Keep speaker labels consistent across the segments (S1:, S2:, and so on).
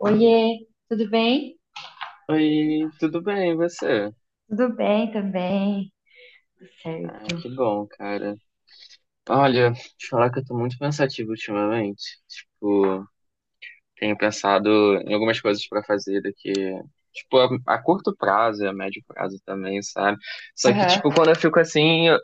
S1: Oiê, tudo bem?
S2: Oi, tudo bem, e você?
S1: Tudo bem também, tudo
S2: Ah,
S1: certo.
S2: que bom, cara. Olha, te falar que eu tô muito pensativo ultimamente. Tipo, tenho pensado em algumas coisas pra fazer daqui, tipo, a curto prazo e a médio prazo também, sabe? Só que,
S1: Aham.
S2: tipo, quando eu fico assim, eu,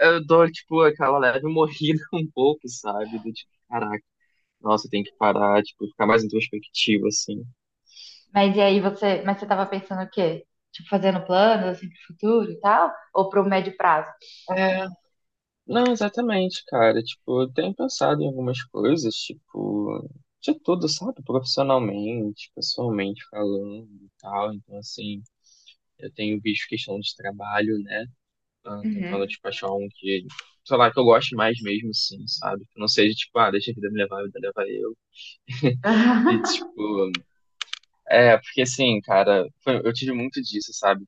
S2: eu dou, tipo, aquela leve morrida um pouco, sabe? Do tipo, caraca, nossa, tem que parar, tipo, ficar mais introspectivo, assim.
S1: Mas e aí você tava pensando o quê? Tipo, fazendo planos assim pro futuro e tal? Ou pro médio prazo?
S2: Não, exatamente, cara. Tipo, eu tenho pensado em algumas coisas, tipo, de tudo, sabe? Profissionalmente, pessoalmente falando e tal. Então, assim, eu tenho visto questão de trabalho, né? Ah, tentando,
S1: Uhum.
S2: tipo, achar um que, sei lá, que eu goste mais mesmo, assim, sabe? Que não seja, tipo, ah, deixa a vida me levar, a vida leva eu. E, tipo, é, porque, assim, cara, eu tive muito disso, sabe?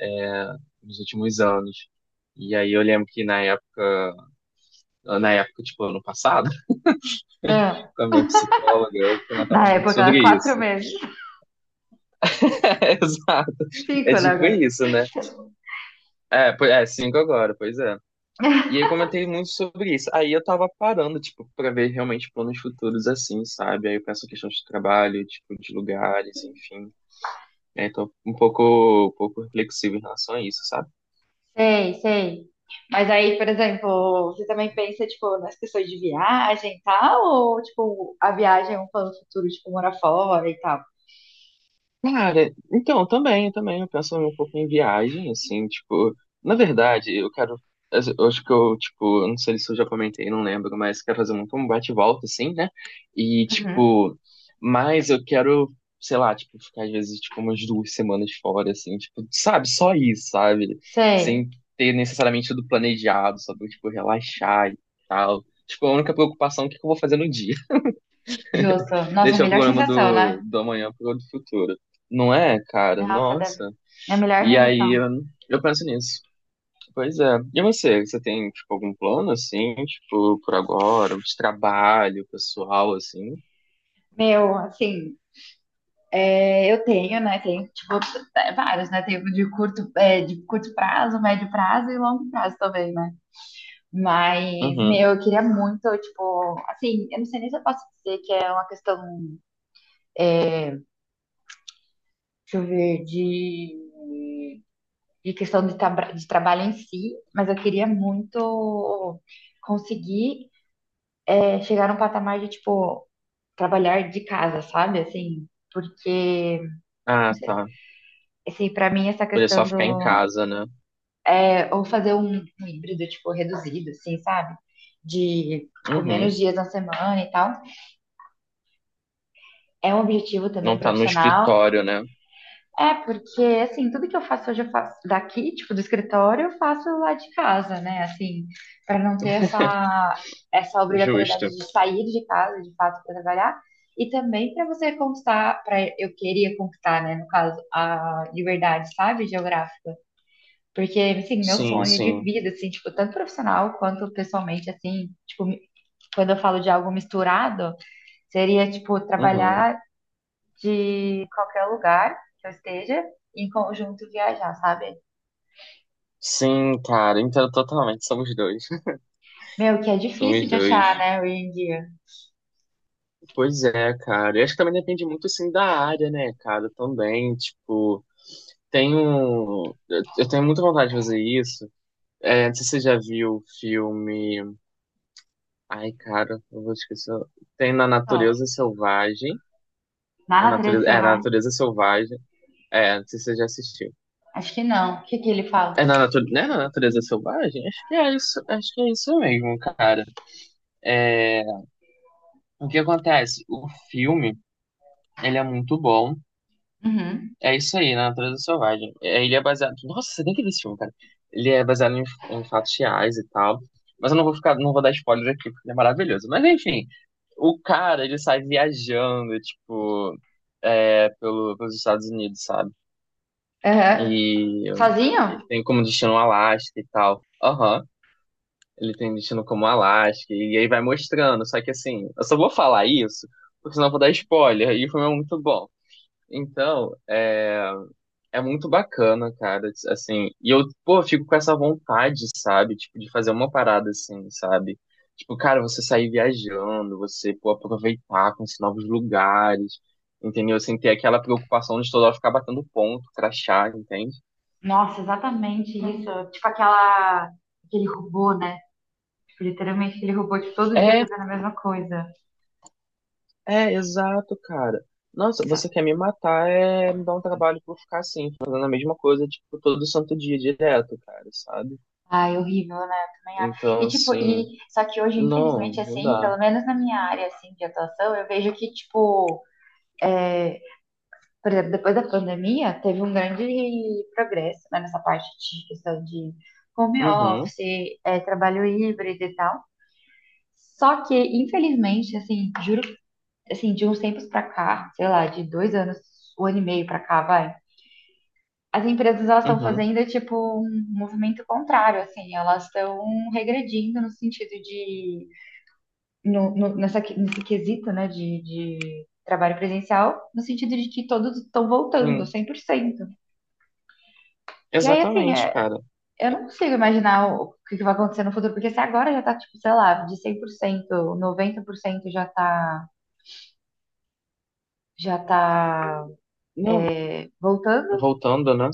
S2: É, nos últimos anos. E aí eu lembro que na época, tipo, ano passado,
S1: Ah,
S2: com a minha psicóloga, eu comentava
S1: na
S2: muito
S1: época,
S2: sobre
S1: quatro
S2: isso.
S1: meses.
S2: É, exato. É
S1: Cinco, né,
S2: tipo
S1: agora?
S2: isso, né? É, é, 5 agora, pois é. E eu comentei muito sobre isso. Aí eu tava parando, tipo, pra ver realmente planos futuros assim, sabe? Aí eu penso em questões de trabalho, tipo, de lugares, enfim. É, tô um pouco reflexivo em relação a isso, sabe?
S1: Sei, sei. Mas aí, por exemplo, você também pensa, tipo, nas questões de viagem e tal? Ou, tipo, a viagem é um plano futuro, tipo, morar fora e tal?
S2: Cara, então, também, eu penso um pouco em viagem, assim, tipo, na verdade, eu quero, eu acho que eu, tipo, eu não sei se eu já comentei, não lembro, mas quero fazer muito um bate e volta, assim, né, e,
S1: Uhum.
S2: tipo, mas eu quero, sei lá, tipo, ficar, às vezes, tipo, umas 2 semanas fora, assim, tipo, sabe, só isso, sabe,
S1: Sei,
S2: sem ter necessariamente tudo planejado, só pra, tipo, relaxar e tal, tipo, a única preocupação é o que que eu vou fazer no dia.
S1: justo. Nossa,
S2: Deixar o
S1: melhor
S2: programa
S1: sensação,
S2: do,
S1: né?
S2: do amanhã pro do futuro. Não é, cara?
S1: Nossa,
S2: Nossa.
S1: é a melhor
S2: E aí eu,
S1: sensação.
S2: eu penso nisso. Pois é. E você? Você tem, tipo, algum plano, assim, tipo, por agora? De trabalho, pessoal, assim?
S1: Meu, assim, é, eu tenho, né? Tenho, tipo, é, vários, né? Tenho de curto prazo, médio prazo e longo prazo também, né? Mas,
S2: Uhum.
S1: meu, eu queria muito, tipo, assim, eu não sei nem se eu posso dizer que é uma questão, deixa eu ver, de, questão de, de trabalho em si, mas eu queria muito conseguir, chegar num patamar de, tipo, trabalhar de casa, sabe? Assim, porque,
S2: Ah, tá.
S1: assim, para mim essa
S2: Poder só
S1: questão do,
S2: ficar em casa, né?
S1: ou fazer um híbrido tipo reduzido, assim, sabe? De tipo, menos
S2: Uhum.
S1: dias na semana e tal. É um objetivo também
S2: Não tá no
S1: profissional.
S2: escritório, né?
S1: É porque assim, tudo que eu faço hoje eu faço daqui, tipo do escritório, eu faço lá de casa, né? Assim, para não ter essa obrigatoriedade
S2: Justo.
S1: de sair de casa, de fato, para trabalhar. E também para eu queria conquistar, né, no caso, a liberdade, sabe, geográfica. Porque, assim, meu
S2: Sim,
S1: sonho de
S2: sim.
S1: vida, assim, tipo, tanto profissional quanto pessoalmente, assim, tipo, quando eu falo de algo misturado, seria, tipo,
S2: Uhum.
S1: trabalhar de qualquer lugar que eu esteja, e em conjunto viajar, sabe?
S2: Sim, cara, entendo totalmente. Somos dois.
S1: Meu, que é difícil
S2: Somos
S1: de
S2: dois.
S1: achar, né, hoje em dia.
S2: Pois é, cara. E acho que também depende muito, assim, da área, né, cara? Também, tipo, tenho. Eu tenho muita vontade de fazer isso. É, não sei se você já viu o filme. Ai, cara, eu vou esquecer. Tem Na
S1: Ó,
S2: Natureza Selvagem.
S1: na
S2: Na
S1: natureza
S2: Natureza. É, Na
S1: selvagem?
S2: Natureza Selvagem. É, não sei se você já assistiu.
S1: Acho que não. O que que ele fala?
S2: É na natureza, não é na natureza selvagem? Acho que é isso, acho que é isso mesmo, cara. É, o que acontece? O filme, ele é muito bom.
S1: Uhum.
S2: É isso aí, Na Natureza Selvagem. É, ele é baseado. Nossa, você tem que ver esse filme, cara. Ele é baseado em, em fatos reais e tal. Mas eu não vou ficar, não vou dar spoiler aqui, porque ele é maravilhoso. Mas enfim, o cara, ele sai viajando, tipo, é, pelos Estados Unidos, sabe?
S1: Aham.
S2: E
S1: Sozinho?
S2: ele tem como destino o Alasca e tal. Aham. Ele tem destino como Alasca. E aí vai mostrando. Só que assim, eu só vou falar isso, porque senão eu vou dar spoiler. E o filme é muito bom. Então, é. É muito bacana, cara, assim, e eu, pô, fico com essa vontade, sabe, tipo, de fazer uma parada assim, sabe? Tipo, cara, você sair viajando, você, pô, aproveitar, conhecer novos lugares, entendeu? Sem ter aquela preocupação de toda hora ficar batendo ponto, crachá, entende?
S1: Nossa, exatamente isso. Tipo, aquele robô, né? Tipo, literalmente aquele robô, tipo, todo dia
S2: É,
S1: fazendo a mesma coisa.
S2: exato, cara. Nossa, você quer me matar, é me dar um trabalho pra eu ficar assim, fazendo a mesma coisa, tipo, todo santo dia, direto, cara, sabe?
S1: Ai, horrível, né? Eu também acho.
S2: Então,
S1: E tipo,
S2: assim,
S1: e só que hoje,
S2: não,
S1: infelizmente,
S2: não
S1: assim,
S2: dá.
S1: pelo menos na minha área assim de atuação, eu vejo que tipo, é, por exemplo, depois da pandemia, teve um grande progresso, né, nessa parte de questão de home
S2: Uhum,
S1: office, trabalho híbrido e tal. Só que, infelizmente, assim, juro, assim, de uns tempos pra cá, sei lá, de 2 anos, 1 ano e meio pra cá, vai. As empresas elas estão
S2: uhum,
S1: fazendo é, tipo um movimento contrário, assim, elas estão regredindo no sentido de nesse quesito, né, de trabalho presencial, no sentido de que todos estão voltando
S2: sim.
S1: 100%. E aí, assim,
S2: Exatamente, cara.
S1: eu não consigo imaginar que vai acontecer no futuro, porque se agora já tá, tipo, sei lá, de 100%, 90% já tá já tá
S2: Não,
S1: voltando.
S2: voltando, né?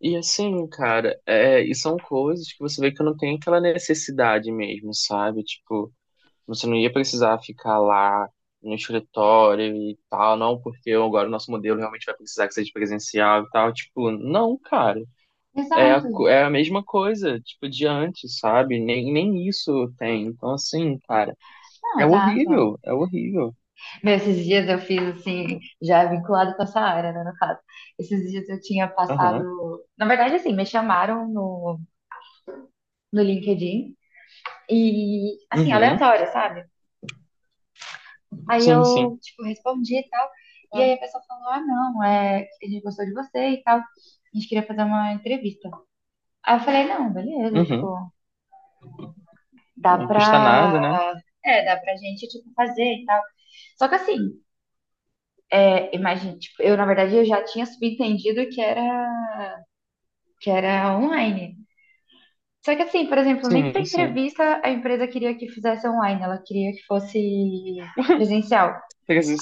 S2: E assim, cara, é, e são coisas que você vê que não tem aquela necessidade mesmo, sabe? Tipo, você não ia precisar ficar lá no escritório e tal, não, porque agora o nosso modelo realmente vai precisar que seja presencial e tal. Tipo, não, cara. É a,
S1: Exato.
S2: é a mesma coisa, tipo, de antes, sabe? Nem, nem isso tem. Então, assim, cara,
S1: Não,
S2: é
S1: exato.
S2: horrível, é horrível.
S1: Esses dias eu fiz assim, já vinculado com essa área, né, no caso. Esses dias eu tinha passado.
S2: Aham.
S1: Na verdade, assim, me chamaram no LinkedIn e, assim,
S2: Uhum.
S1: aleatório, sabe? Aí
S2: Sim, sim.
S1: eu, tipo, respondi e tal. E aí a pessoa falou: ah, não, a gente gostou de você e tal. A gente queria fazer uma entrevista. Aí eu falei: não, beleza,
S2: Uhum.
S1: tipo, dá
S2: Não custa nada, né?
S1: pra. É, dá pra gente, tipo, fazer e tal. Só que assim, imagina, tipo, eu, na verdade, eu já tinha subentendido que era online. Só que assim, por exemplo, nem para
S2: Sim, sim.
S1: entrevista a empresa queria que fizesse online, ela queria que fosse presencial.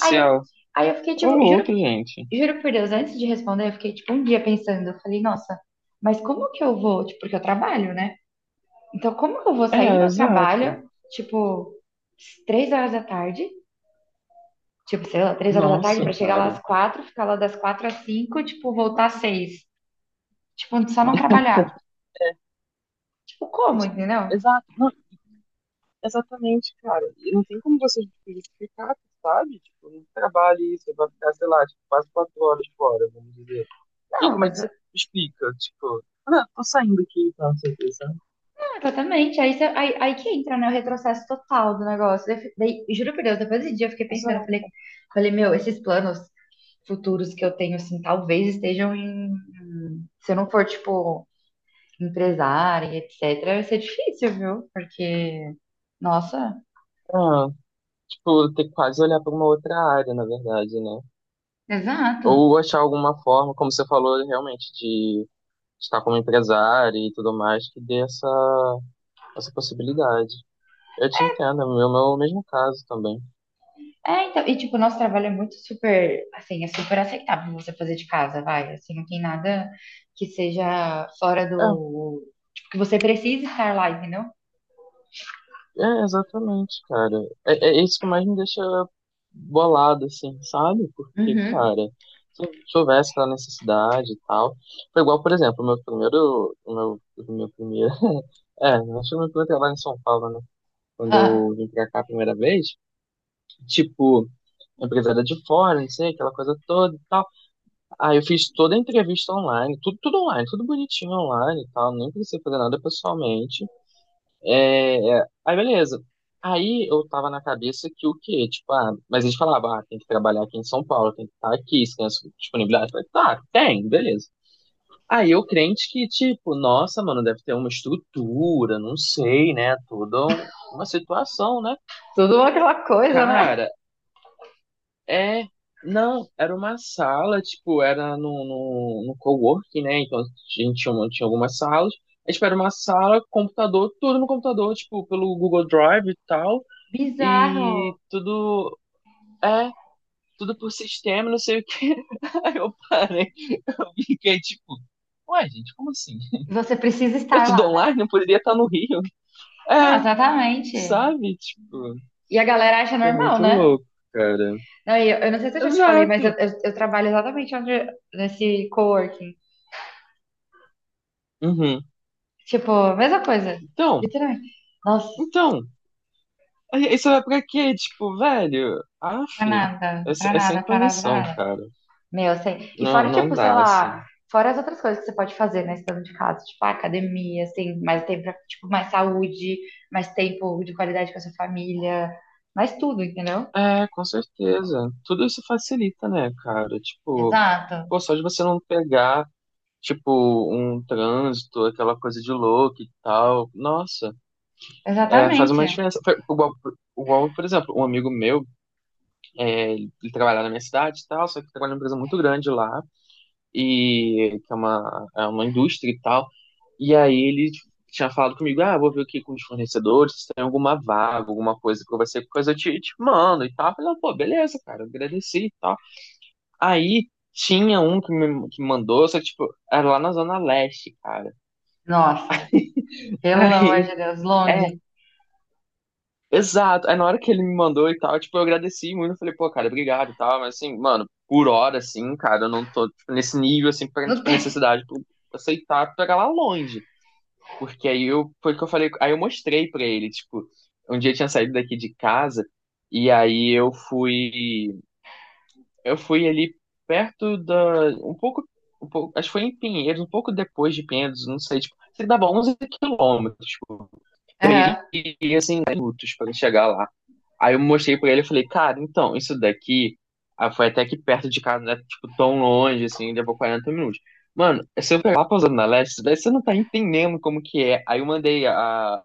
S1: Aí, aí eu fiquei
S2: Ô,
S1: tipo,
S2: louco, gente.
S1: juro por Deus, antes de responder, eu fiquei tipo um dia pensando, eu falei, nossa, mas como que eu vou? Tipo, porque eu trabalho, né? Então, como que eu vou sair do
S2: É,
S1: meu
S2: exato.
S1: trabalho, tipo, 3 horas da tarde, tipo, sei lá, 3 horas da tarde
S2: Nossa,
S1: para chegar lá às
S2: cara.
S1: quatro, ficar lá das quatro às cinco, tipo, voltar às seis. Tipo, só não trabalhar. Tipo,
S2: E,
S1: como,
S2: tipo,
S1: entendeu?
S2: exato, não, exatamente, cara. E não tem como você tipo, justificar, sabe? Tipo, não trabalha isso, você vai ficar, sei lá, tipo, quase 4 horas fora, vamos dizer. E
S1: Não,
S2: como é
S1: mas
S2: que você explica? Tipo, ah, tô saindo aqui, então, não sei o que, sabe?
S1: exatamente, aí que entra, né, o retrocesso total do negócio. Daí, juro por Deus, depois desse dia eu fiquei pensando, eu falei,
S2: Exato.
S1: meu, esses planos futuros que eu tenho, assim, talvez estejam em, se eu não for, tipo, empresária, etc., vai ser difícil, viu? Porque, nossa,
S2: Ah, tipo, ter que quase olhar pra uma outra área, na verdade, né?
S1: exato.
S2: Ou achar alguma forma, como você falou, realmente, de estar como empresário e tudo mais, que dê essa, essa possibilidade. Eu te entendo, é o meu mesmo caso também.
S1: É, então, e, tipo, o nosso trabalho é muito super, assim, é super aceitável você fazer de casa, vai, assim, não tem nada que seja fora
S2: É,
S1: do, tipo, que você precisa estar lá, entendeu?
S2: é exatamente, cara. É, é isso que mais me deixa bolado, assim, sabe? Porque,
S1: Uhum.
S2: cara, se eu tivesse aquela necessidade e tal. Foi igual, por exemplo, o meu primeiro. O meu primeiro. É, acho que o meu primeiro trabalho em São Paulo, né? Quando
S1: Ah,
S2: eu vim pra cá a primeira vez, tipo, a empresa era de fora, não sei, aquela coisa toda e tal. Ah, eu fiz toda a entrevista online, tudo, tudo online, tudo bonitinho online e tal, nem precisei fazer nada pessoalmente. Aí, beleza. Aí eu tava na cabeça que o quê? Tipo, ah, mas eles falavam, ah, tem que trabalhar aqui em São Paulo, tem que estar aqui, se tem essa disponibilidade. Eu falei, tá, tem, beleza. Aí eu crente que, tipo, nossa, mano, deve ter uma estrutura, não sei, né? Toda uma situação, né?
S1: tudo aquela coisa, né?
S2: Cara, é, não, era uma sala, tipo, era no, no coworking, né? Então a gente tinha, tinha algumas salas. A gente era uma sala, computador, tudo no computador, tipo, pelo Google Drive e tal. E
S1: Bizarro.
S2: tudo, é, tudo por sistema, não sei o quê. Aí eu parei, eu fiquei tipo, ué, gente, como assim?
S1: Você precisa
S2: É
S1: estar
S2: tudo
S1: lá, né?
S2: online, não poderia estar no Rio.
S1: Não,
S2: É,
S1: exatamente.
S2: sabe? Tipo,
S1: E a galera acha
S2: é
S1: normal,
S2: muito
S1: né?
S2: louco, cara.
S1: Não, e eu não sei se eu já te falei, mas
S2: Exato.
S1: eu trabalho exatamente onde, nesse coworking.
S2: Uhum.
S1: Tipo, mesma coisa.
S2: Então,
S1: Literalmente. Nossa,
S2: então. Aí isso é pra quê? Tipo, velho, af,
S1: pra nada,
S2: é,
S1: pra
S2: é sem
S1: nada, pra nada, pra
S2: condição,
S1: nada.
S2: cara.
S1: Meu, assim. E
S2: Não,
S1: fora,
S2: não
S1: tipo, sei
S2: dá,
S1: lá,
S2: assim.
S1: fora as outras coisas que você pode fazer, né, estando de casa. Tipo, ah, academia, assim, mais tempo pra, tipo, mais saúde, mais tempo de qualidade com a sua família, mais tudo, entendeu?
S2: É, com certeza. Tudo isso facilita, né, cara? Tipo,
S1: Exato,
S2: pô, só de você não pegar, tipo, um trânsito, aquela coisa de louco e tal. Nossa, é, faz uma
S1: exatamente.
S2: diferença. Foi igual, por exemplo, um amigo meu, é, ele trabalha na minha cidade e tal, só que trabalha numa empresa muito grande lá e que é uma indústria e tal. E aí ele tinha falado comigo, ah, vou ver aqui com os fornecedores, se tem alguma vaga, alguma coisa que vai ser coisa, eu te mando e tal. Eu falei, "Ah, pô, beleza, cara, agradeci e tal. Aí tinha um que me que mandou, só que, tipo, era lá na Zona Leste, cara.
S1: Nossa, pelo amor
S2: Aí,
S1: de Deus,
S2: é,
S1: longe.
S2: exato. Aí na hora que ele me mandou e tal, tipo, eu agradeci muito, eu falei, pô, cara, obrigado e tal, mas assim, mano, por hora, assim, cara, eu não tô, tipo, nesse nível, assim, pra,
S1: Não
S2: tipo,
S1: tem.
S2: necessidade, pra aceitar pegar lá longe. Porque aí eu, foi o que eu falei, aí eu mostrei pra ele, tipo, um dia eu tinha saído daqui de casa e aí eu fui ali perto um pouco, acho que foi em Pinheiros, um pouco depois de Pinheiros, não sei, tipo, sei que dava 11 km, tipo,
S1: Aham.
S2: e minutos pra chegar lá. Aí eu mostrei pra ele, eu falei, cara, então, isso daqui, ah, foi até aqui perto de casa, não é, tipo, tão longe, assim, levou 40 minutos. Mano, se eu pegar lá na Zona Leste, daí você não tá entendendo como que é. Aí eu mandei a,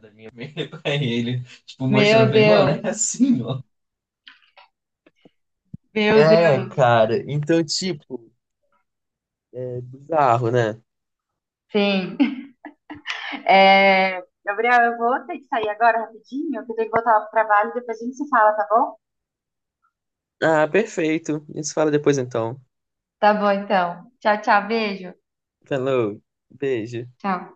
S2: da minha amiga pra ele, tipo, mostrando, eu
S1: Meu
S2: falei, mano,
S1: Deus,
S2: é assim, ó.
S1: meu
S2: É,
S1: Deus.
S2: cara. Então, tipo, é bizarro, né?
S1: Sim. É, Gabriel, eu vou ter que sair agora rapidinho, que eu tenho que voltar pro trabalho, e depois a gente se fala, tá bom?
S2: Ah, perfeito. A gente se fala depois então.
S1: Tá bom então. Tchau, tchau, beijo.
S2: Falou. Beijo.
S1: Tchau.